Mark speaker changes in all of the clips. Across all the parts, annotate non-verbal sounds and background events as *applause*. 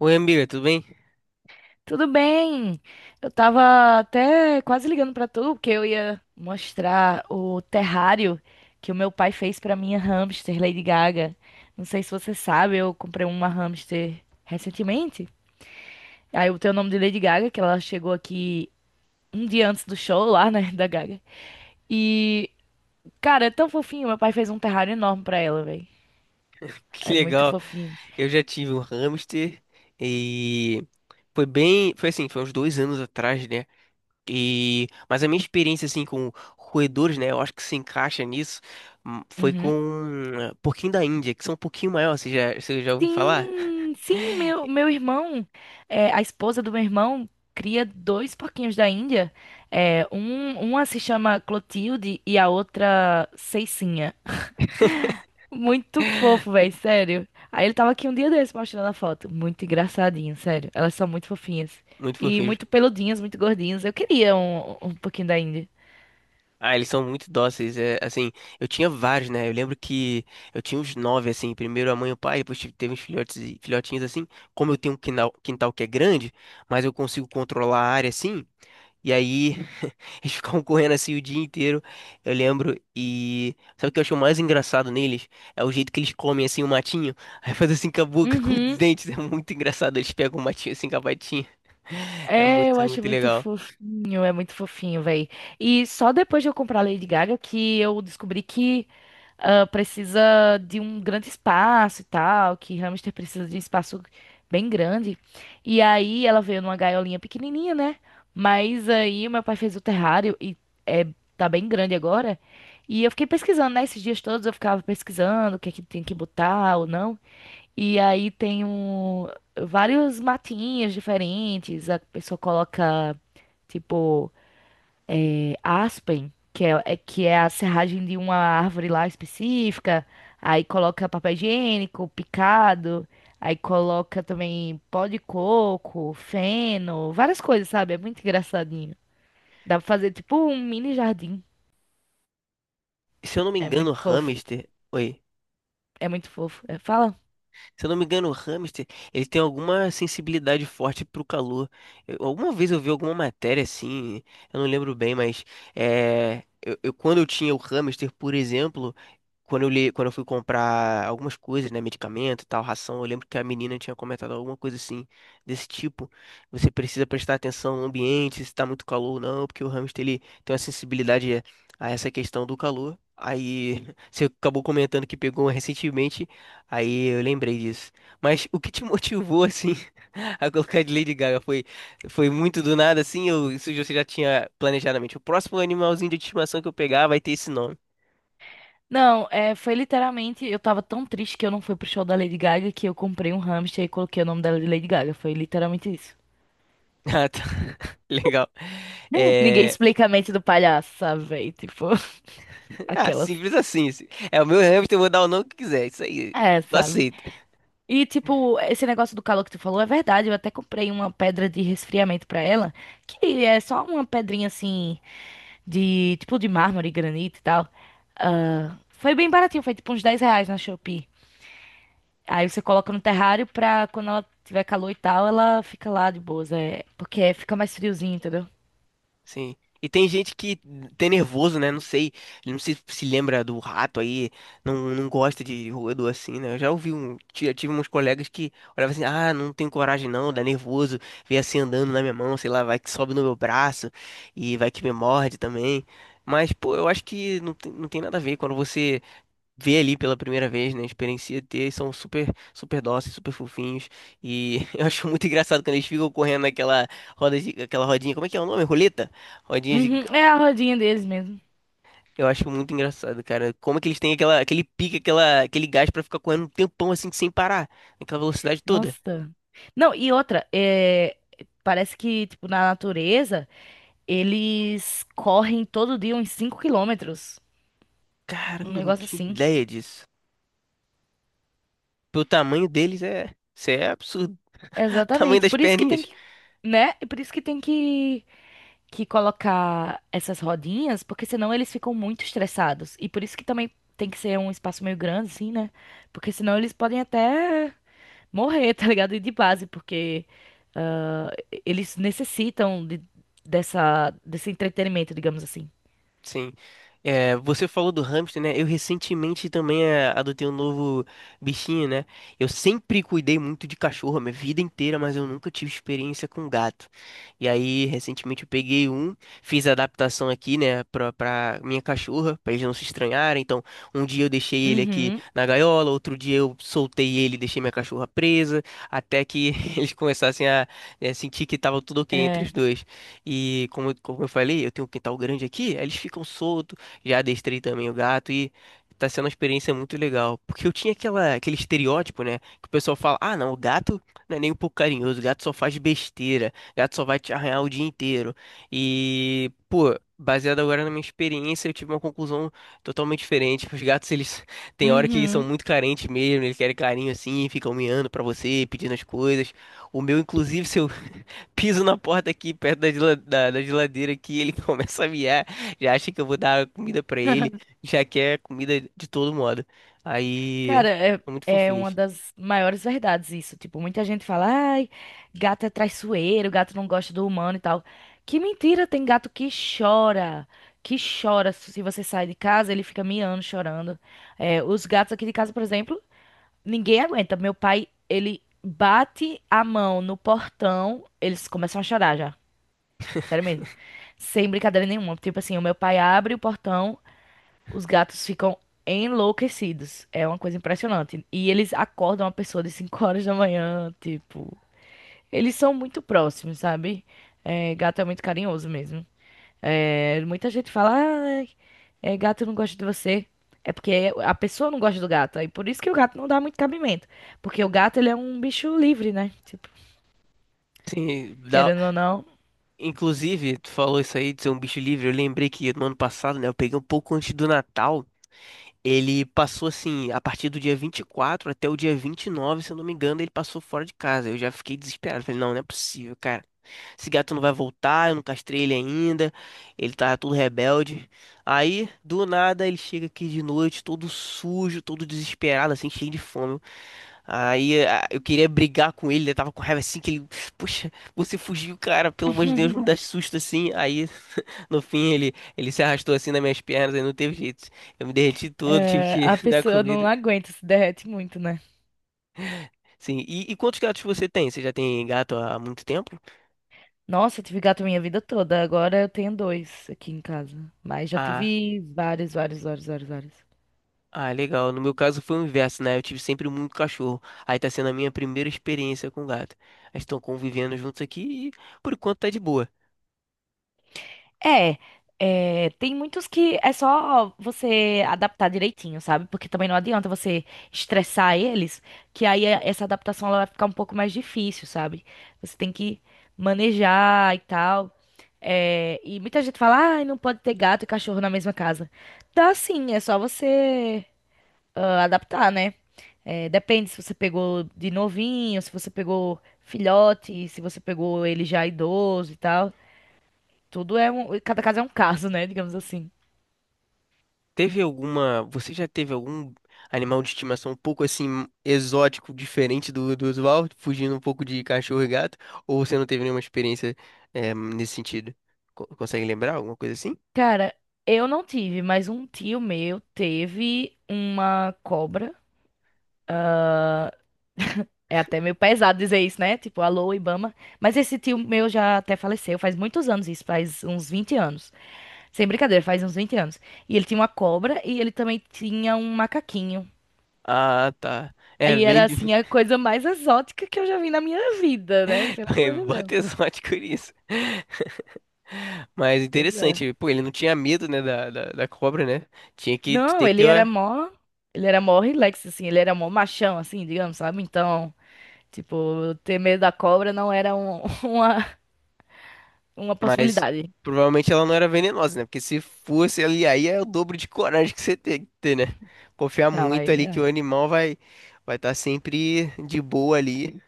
Speaker 1: Oi, amiga, tudo bem? *laughs*
Speaker 2: Tudo bem? Eu tava até quase ligando pra tu, porque eu ia mostrar o terrário que o meu pai fez pra minha hamster Lady Gaga. Não sei se você sabe, eu comprei uma hamster recentemente. Aí eu tenho o nome de Lady Gaga, que ela chegou aqui um dia antes do show lá, né, da Gaga. E, cara, é tão fofinho. Meu pai fez um terrário enorme pra ela, velho.
Speaker 1: Que
Speaker 2: É muito
Speaker 1: legal.
Speaker 2: fofinho.
Speaker 1: Eu já tive um hamster e foi bem, foi assim, foi uns 2 anos atrás, né? Mas a minha experiência assim com roedores, né? Eu acho que se encaixa nisso. Foi com
Speaker 2: Uhum.
Speaker 1: um pouquinho da Índia, que são um pouquinho maior. Você já ouviu falar?
Speaker 2: Sim, sim, meu irmão, a esposa do meu irmão cria dois porquinhos da Índia. Um, uma se chama Clotilde e a outra Ceicinha. Muito fofo, velho,
Speaker 1: *laughs*
Speaker 2: sério. Aí ele tava aqui um dia desse mostrando a foto. Muito engraçadinho, sério. Elas são muito fofinhas.
Speaker 1: Muito
Speaker 2: E
Speaker 1: fofinho.
Speaker 2: muito peludinhas, muito gordinhas. Eu queria um pouquinho da Índia.
Speaker 1: Ah, eles são muito dóceis. É, assim, eu tinha vários, né? Eu lembro que eu tinha uns 9, assim. Primeiro a mãe e o pai, teve uns filhotinhos, assim. Como eu tenho um quintal que é grande, mas eu consigo controlar a área, assim. E aí, *laughs* eles ficavam correndo assim o dia inteiro, eu lembro. E sabe o que eu acho mais engraçado neles? É o jeito que eles comem, assim, o matinho. *laughs* Aí faz assim com a boca, com os
Speaker 2: Uhum.
Speaker 1: dentes. É muito engraçado. Eles pegam o matinho assim com a patinha. *laughs* É
Speaker 2: É, eu acho
Speaker 1: muito
Speaker 2: muito
Speaker 1: legal.
Speaker 2: fofinho, é muito fofinho, véi. E só depois de eu comprar a Lady Gaga que eu descobri que ah, precisa de um grande espaço e tal, que hamster precisa de um espaço bem grande. E aí ela veio numa gaiolinha pequenininha, né? Mas aí meu pai fez o terrário e é, tá bem grande agora. E eu fiquei pesquisando, né? Esses dias todos eu ficava pesquisando o que é que tem que botar ou não. E aí tem um, vários matinhos diferentes. A pessoa coloca, tipo. Aspen, que é a serragem de uma árvore lá específica, aí coloca papel higiênico, picado, aí coloca também pó de coco, feno, várias coisas, sabe? É muito engraçadinho. Dá pra fazer tipo um mini jardim.
Speaker 1: Se eu não me
Speaker 2: É
Speaker 1: engano,
Speaker 2: muito fofo.
Speaker 1: hamster. Oi.
Speaker 2: É muito fofo. É, fala.
Speaker 1: Se eu não me engano, o hamster, ele tem alguma sensibilidade forte pro calor. Alguma vez eu vi alguma matéria assim, eu não lembro bem, mas quando eu tinha o hamster, por exemplo, quando eu fui comprar algumas coisas, né, medicamento e tal, ração, eu lembro que a menina tinha comentado alguma coisa assim, desse tipo. Você precisa prestar atenção no ambiente, se tá muito calor ou não, porque o hamster, ele tem uma sensibilidade a essa questão do calor. Aí *laughs* você acabou comentando que pegou recentemente. Aí eu lembrei disso. Mas o que te motivou, assim, *laughs* a colocar de Lady Gaga? Foi muito do nada, assim? Ou isso você já tinha planejado na mente? O próximo animalzinho de estimação que eu pegar vai ter esse nome. *laughs*
Speaker 2: Não, é, foi literalmente. Eu tava tão triste que eu não fui pro show da Lady Gaga que eu comprei um hamster e coloquei o nome dela de Lady Gaga. Foi literalmente isso.
Speaker 1: Ah, tá. *laughs* Legal.
Speaker 2: *laughs* Ninguém
Speaker 1: É...
Speaker 2: explica a mente do palhaço, sabe, véi? Tipo, *laughs*
Speaker 1: Ah,
Speaker 2: aquelas.
Speaker 1: simples assim. É o meu hamster, eu vou dar o nome que quiser. Isso aí.
Speaker 2: É,
Speaker 1: Eu
Speaker 2: sabe?
Speaker 1: aceito.
Speaker 2: E, tipo, esse negócio do calor que tu falou é verdade. Eu até comprei uma pedra de resfriamento pra ela, que é só uma pedrinha assim, de tipo de mármore, granito e tal. Ah, foi bem baratinho, foi tipo uns 10 reais na Shopee. Aí você coloca no terrário pra quando ela tiver calor e tal, ela fica lá de boas. É, porque fica mais friozinho, entendeu?
Speaker 1: Sim. E tem gente que tem nervoso, né? Não sei, ele não se, se lembra do rato aí, não gosta de roedor assim, né? Eu já ouvi um, tive uns colegas que olhavam assim, ah, não tenho coragem não, dá nervoso, vem assim andando na minha mão, sei lá, vai que sobe no meu braço e vai que me morde também. Mas, pô, eu acho que não tem nada a ver quando você vê ali pela primeira vez, né? Experiencia ter, são super dóceis, super fofinhos. E *laughs* eu acho muito engraçado quando eles ficam correndo aquela rodinha, como é que é o nome? Roleta? Rodinha de...
Speaker 2: Uhum, é a rodinha deles mesmo.
Speaker 1: Eu acho muito engraçado, cara. Como é que eles têm aquele pique, aquele gás pra ficar correndo um tempão assim sem parar, naquela velocidade toda.
Speaker 2: Nossa. Não, e outra, é, parece que, tipo, na natureza. Eles correm todo dia uns 5 quilômetros. Um
Speaker 1: Caramba, eu não
Speaker 2: negócio
Speaker 1: tinha
Speaker 2: assim.
Speaker 1: ideia disso. Pelo tamanho deles é, isso é absurdo. *laughs* O tamanho
Speaker 2: Exatamente.
Speaker 1: das
Speaker 2: Por isso que tem
Speaker 1: perninhas.
Speaker 2: que, né? E por isso que tem que colocar essas rodinhas, porque senão eles ficam muito estressados. E por isso que também tem que ser um espaço meio grande, assim, né? Porque senão eles podem até morrer, *laughs* tá ligado? E de base, porque ah, eles necessitam de- dessa, desse entretenimento, digamos assim.
Speaker 1: Sim. É, você falou do hamster, né? Eu recentemente também é, adotei um novo bichinho, né? Eu sempre cuidei muito de cachorro a minha vida inteira, mas eu nunca tive experiência com gato. E aí, recentemente eu peguei um, fiz a adaptação aqui, né, pra minha cachorra, pra eles não se estranharem. Então, um dia eu deixei ele aqui
Speaker 2: Uhum.
Speaker 1: na gaiola, outro dia eu soltei ele e deixei minha cachorra presa, até que *laughs* eles começassem a, é, sentir que tava tudo ok entre os
Speaker 2: É.
Speaker 1: dois. E como, como eu falei, eu tenho um quintal grande aqui, aí eles ficam soltos, já adestrei também o gato e tá sendo uma experiência muito legal. Porque eu tinha aquele estereótipo, né? Que o pessoal fala, ah, não, o gato não é nem um pouco carinhoso, o gato só faz besteira, o gato só vai te arranhar o dia inteiro. E, pô, baseado agora na minha experiência, eu tive uma conclusão totalmente diferente. Os gatos, eles *laughs* tem hora que são
Speaker 2: Uhum.
Speaker 1: muito carentes mesmo, eles querem carinho assim, ficam miando pra você, pedindo as coisas. O meu, inclusive, se eu piso na porta aqui, perto da, gela- da- da geladeira aqui, ele *laughs* começa a miar, já acha que eu vou dar comida pra
Speaker 2: *laughs*
Speaker 1: ele, já quer comida de todo modo. Aí,
Speaker 2: Cara, é,
Speaker 1: são muito
Speaker 2: é uma
Speaker 1: fofinhos.
Speaker 2: das maiores verdades isso. Tipo, muita gente fala, ai, gato é traiçoeiro, gato não gosta do humano e tal. Que mentira, tem gato que chora. Que chora. Se você sai de casa, ele fica miando, chorando. É, os gatos aqui de casa, por exemplo, ninguém aguenta. Meu pai, ele bate a mão no portão, eles começam a chorar já. Sério
Speaker 1: *laughs*
Speaker 2: mesmo. Sem brincadeira nenhuma. Tipo assim, o meu pai abre o portão. Os gatos ficam enlouquecidos. É uma coisa impressionante. E eles acordam a pessoa de 5 horas da manhã, tipo. Eles são muito próximos, sabe? É, gato é muito carinhoso mesmo. É, muita gente fala, ah, é, gato não gosta de você. É porque a pessoa não gosta do gato. Aí por isso que o gato não dá muito cabimento. Porque o gato, ele é um bicho livre, né? Tipo,
Speaker 1: Sim, dá...
Speaker 2: querendo ou não,
Speaker 1: Inclusive, tu falou isso aí de ser um bicho livre, eu lembrei que no ano passado, né, eu peguei um pouco antes do Natal. Ele passou assim, a partir do dia 24 até o dia 29, se eu não me engano, ele passou fora de casa. Eu já fiquei desesperado. Falei, não, não é possível, cara. Esse gato não vai voltar, eu não castrei ele ainda. Ele tá todo rebelde. Aí, do nada, ele chega aqui de noite, todo sujo, todo desesperado, assim, cheio de fome. Eu queria brigar com ele, eu tava com raiva assim, que ele, poxa, você fugiu, cara, pelo amor de Deus, não
Speaker 2: *laughs*
Speaker 1: dá susto assim. Aí, *laughs* no fim, ele se arrastou assim nas minhas pernas, aí não teve jeito. Eu me derreti todo, tive
Speaker 2: é,
Speaker 1: que
Speaker 2: a
Speaker 1: *laughs* dar
Speaker 2: pessoa não
Speaker 1: comida.
Speaker 2: aguenta, se derrete muito, né?
Speaker 1: Sim. E quantos gatos você tem? Você já tem gato há muito tempo?
Speaker 2: Nossa, eu tive gato minha vida toda. Agora eu tenho dois aqui em casa. Mas já
Speaker 1: Ah,
Speaker 2: tive vários, vários, vários, vários, vários.
Speaker 1: ah, legal. No meu caso foi o inverso, né? Eu tive sempre muito cachorro. Aí tá sendo a minha primeira experiência com gato. Eles estão convivendo juntos aqui e por enquanto tá de boa.
Speaker 2: É, é, tem muitos que é só você adaptar direitinho, sabe? Porque também não adianta você estressar eles, essa adaptação ela vai ficar um pouco mais difícil, sabe? Você tem que manejar e tal. É, e muita gente fala, ah, não pode ter gato e cachorro na mesma casa. Tá sim, é só você. Ah, adaptar, né? É, depende se você pegou de novinho, se você pegou filhote, se você pegou ele já idoso e tal. Cada caso é um caso, né? *laughs* Digamos assim.
Speaker 1: Teve alguma. Você já teve algum animal de estimação um pouco assim exótico, diferente do usual, fugindo um pouco de cachorro e gato? Ou você não teve nenhuma experiência nesse sentido? Consegue lembrar alguma coisa assim?
Speaker 2: Cara, eu não tive, mas um tio meu teve uma cobra. É até meio pesado dizer isso, né? Tipo, alô, Ibama. Mas esse tio meu já até faleceu, faz muitos anos isso, faz uns 20 anos. Sem brincadeira, faz uns 20 anos. E ele tinha uma cobra e ele também tinha um macaquinho.
Speaker 1: Ah, tá. É,
Speaker 2: Aí era
Speaker 1: vem,
Speaker 2: assim a
Speaker 1: *laughs*
Speaker 2: coisa mais exótica que eu já vi na minha vida, né? Pelo amor
Speaker 1: *laughs*
Speaker 2: de
Speaker 1: Bota
Speaker 2: Deus.
Speaker 1: exótico nisso. Mas
Speaker 2: Pois é.
Speaker 1: interessante, pô, ele não tinha medo, né, da cobra, né? Tu
Speaker 2: Não,
Speaker 1: tem que ter,
Speaker 2: ele era mó relax assim, ele era mó machão assim, digamos, sabe? Então, tipo, ter medo da cobra não era um- *laughs* uma uma
Speaker 1: mas
Speaker 2: possibilidade.
Speaker 1: provavelmente ela não era venenosa, né? Porque se fosse ali, aí é o dobro de coragem que você tem que ter, né? Confiar
Speaker 2: Não,
Speaker 1: muito
Speaker 2: aí,
Speaker 1: ali que
Speaker 2: é.
Speaker 1: o animal vai estar sempre de boa ali.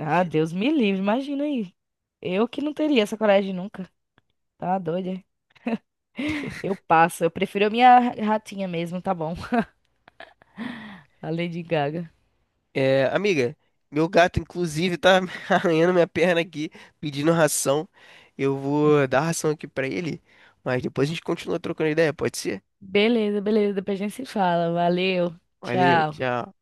Speaker 2: Ah, Deus me livre, imagina aí. Eu que não teria essa coragem nunca. Tá doida? Eu passo, eu prefiro a minha ratinha mesmo, tá bom? *laughs* A Lady Gaga.
Speaker 1: É, amiga, meu gato inclusive tá *laughs* arranhando minha perna aqui, pedindo ração. Eu vou dar ração aqui pra ele, mas depois a gente continua trocando ideia, pode ser?
Speaker 2: Beleza, beleza, depois a gente se fala. Valeu.
Speaker 1: Valeu,
Speaker 2: Tchau.
Speaker 1: tchau.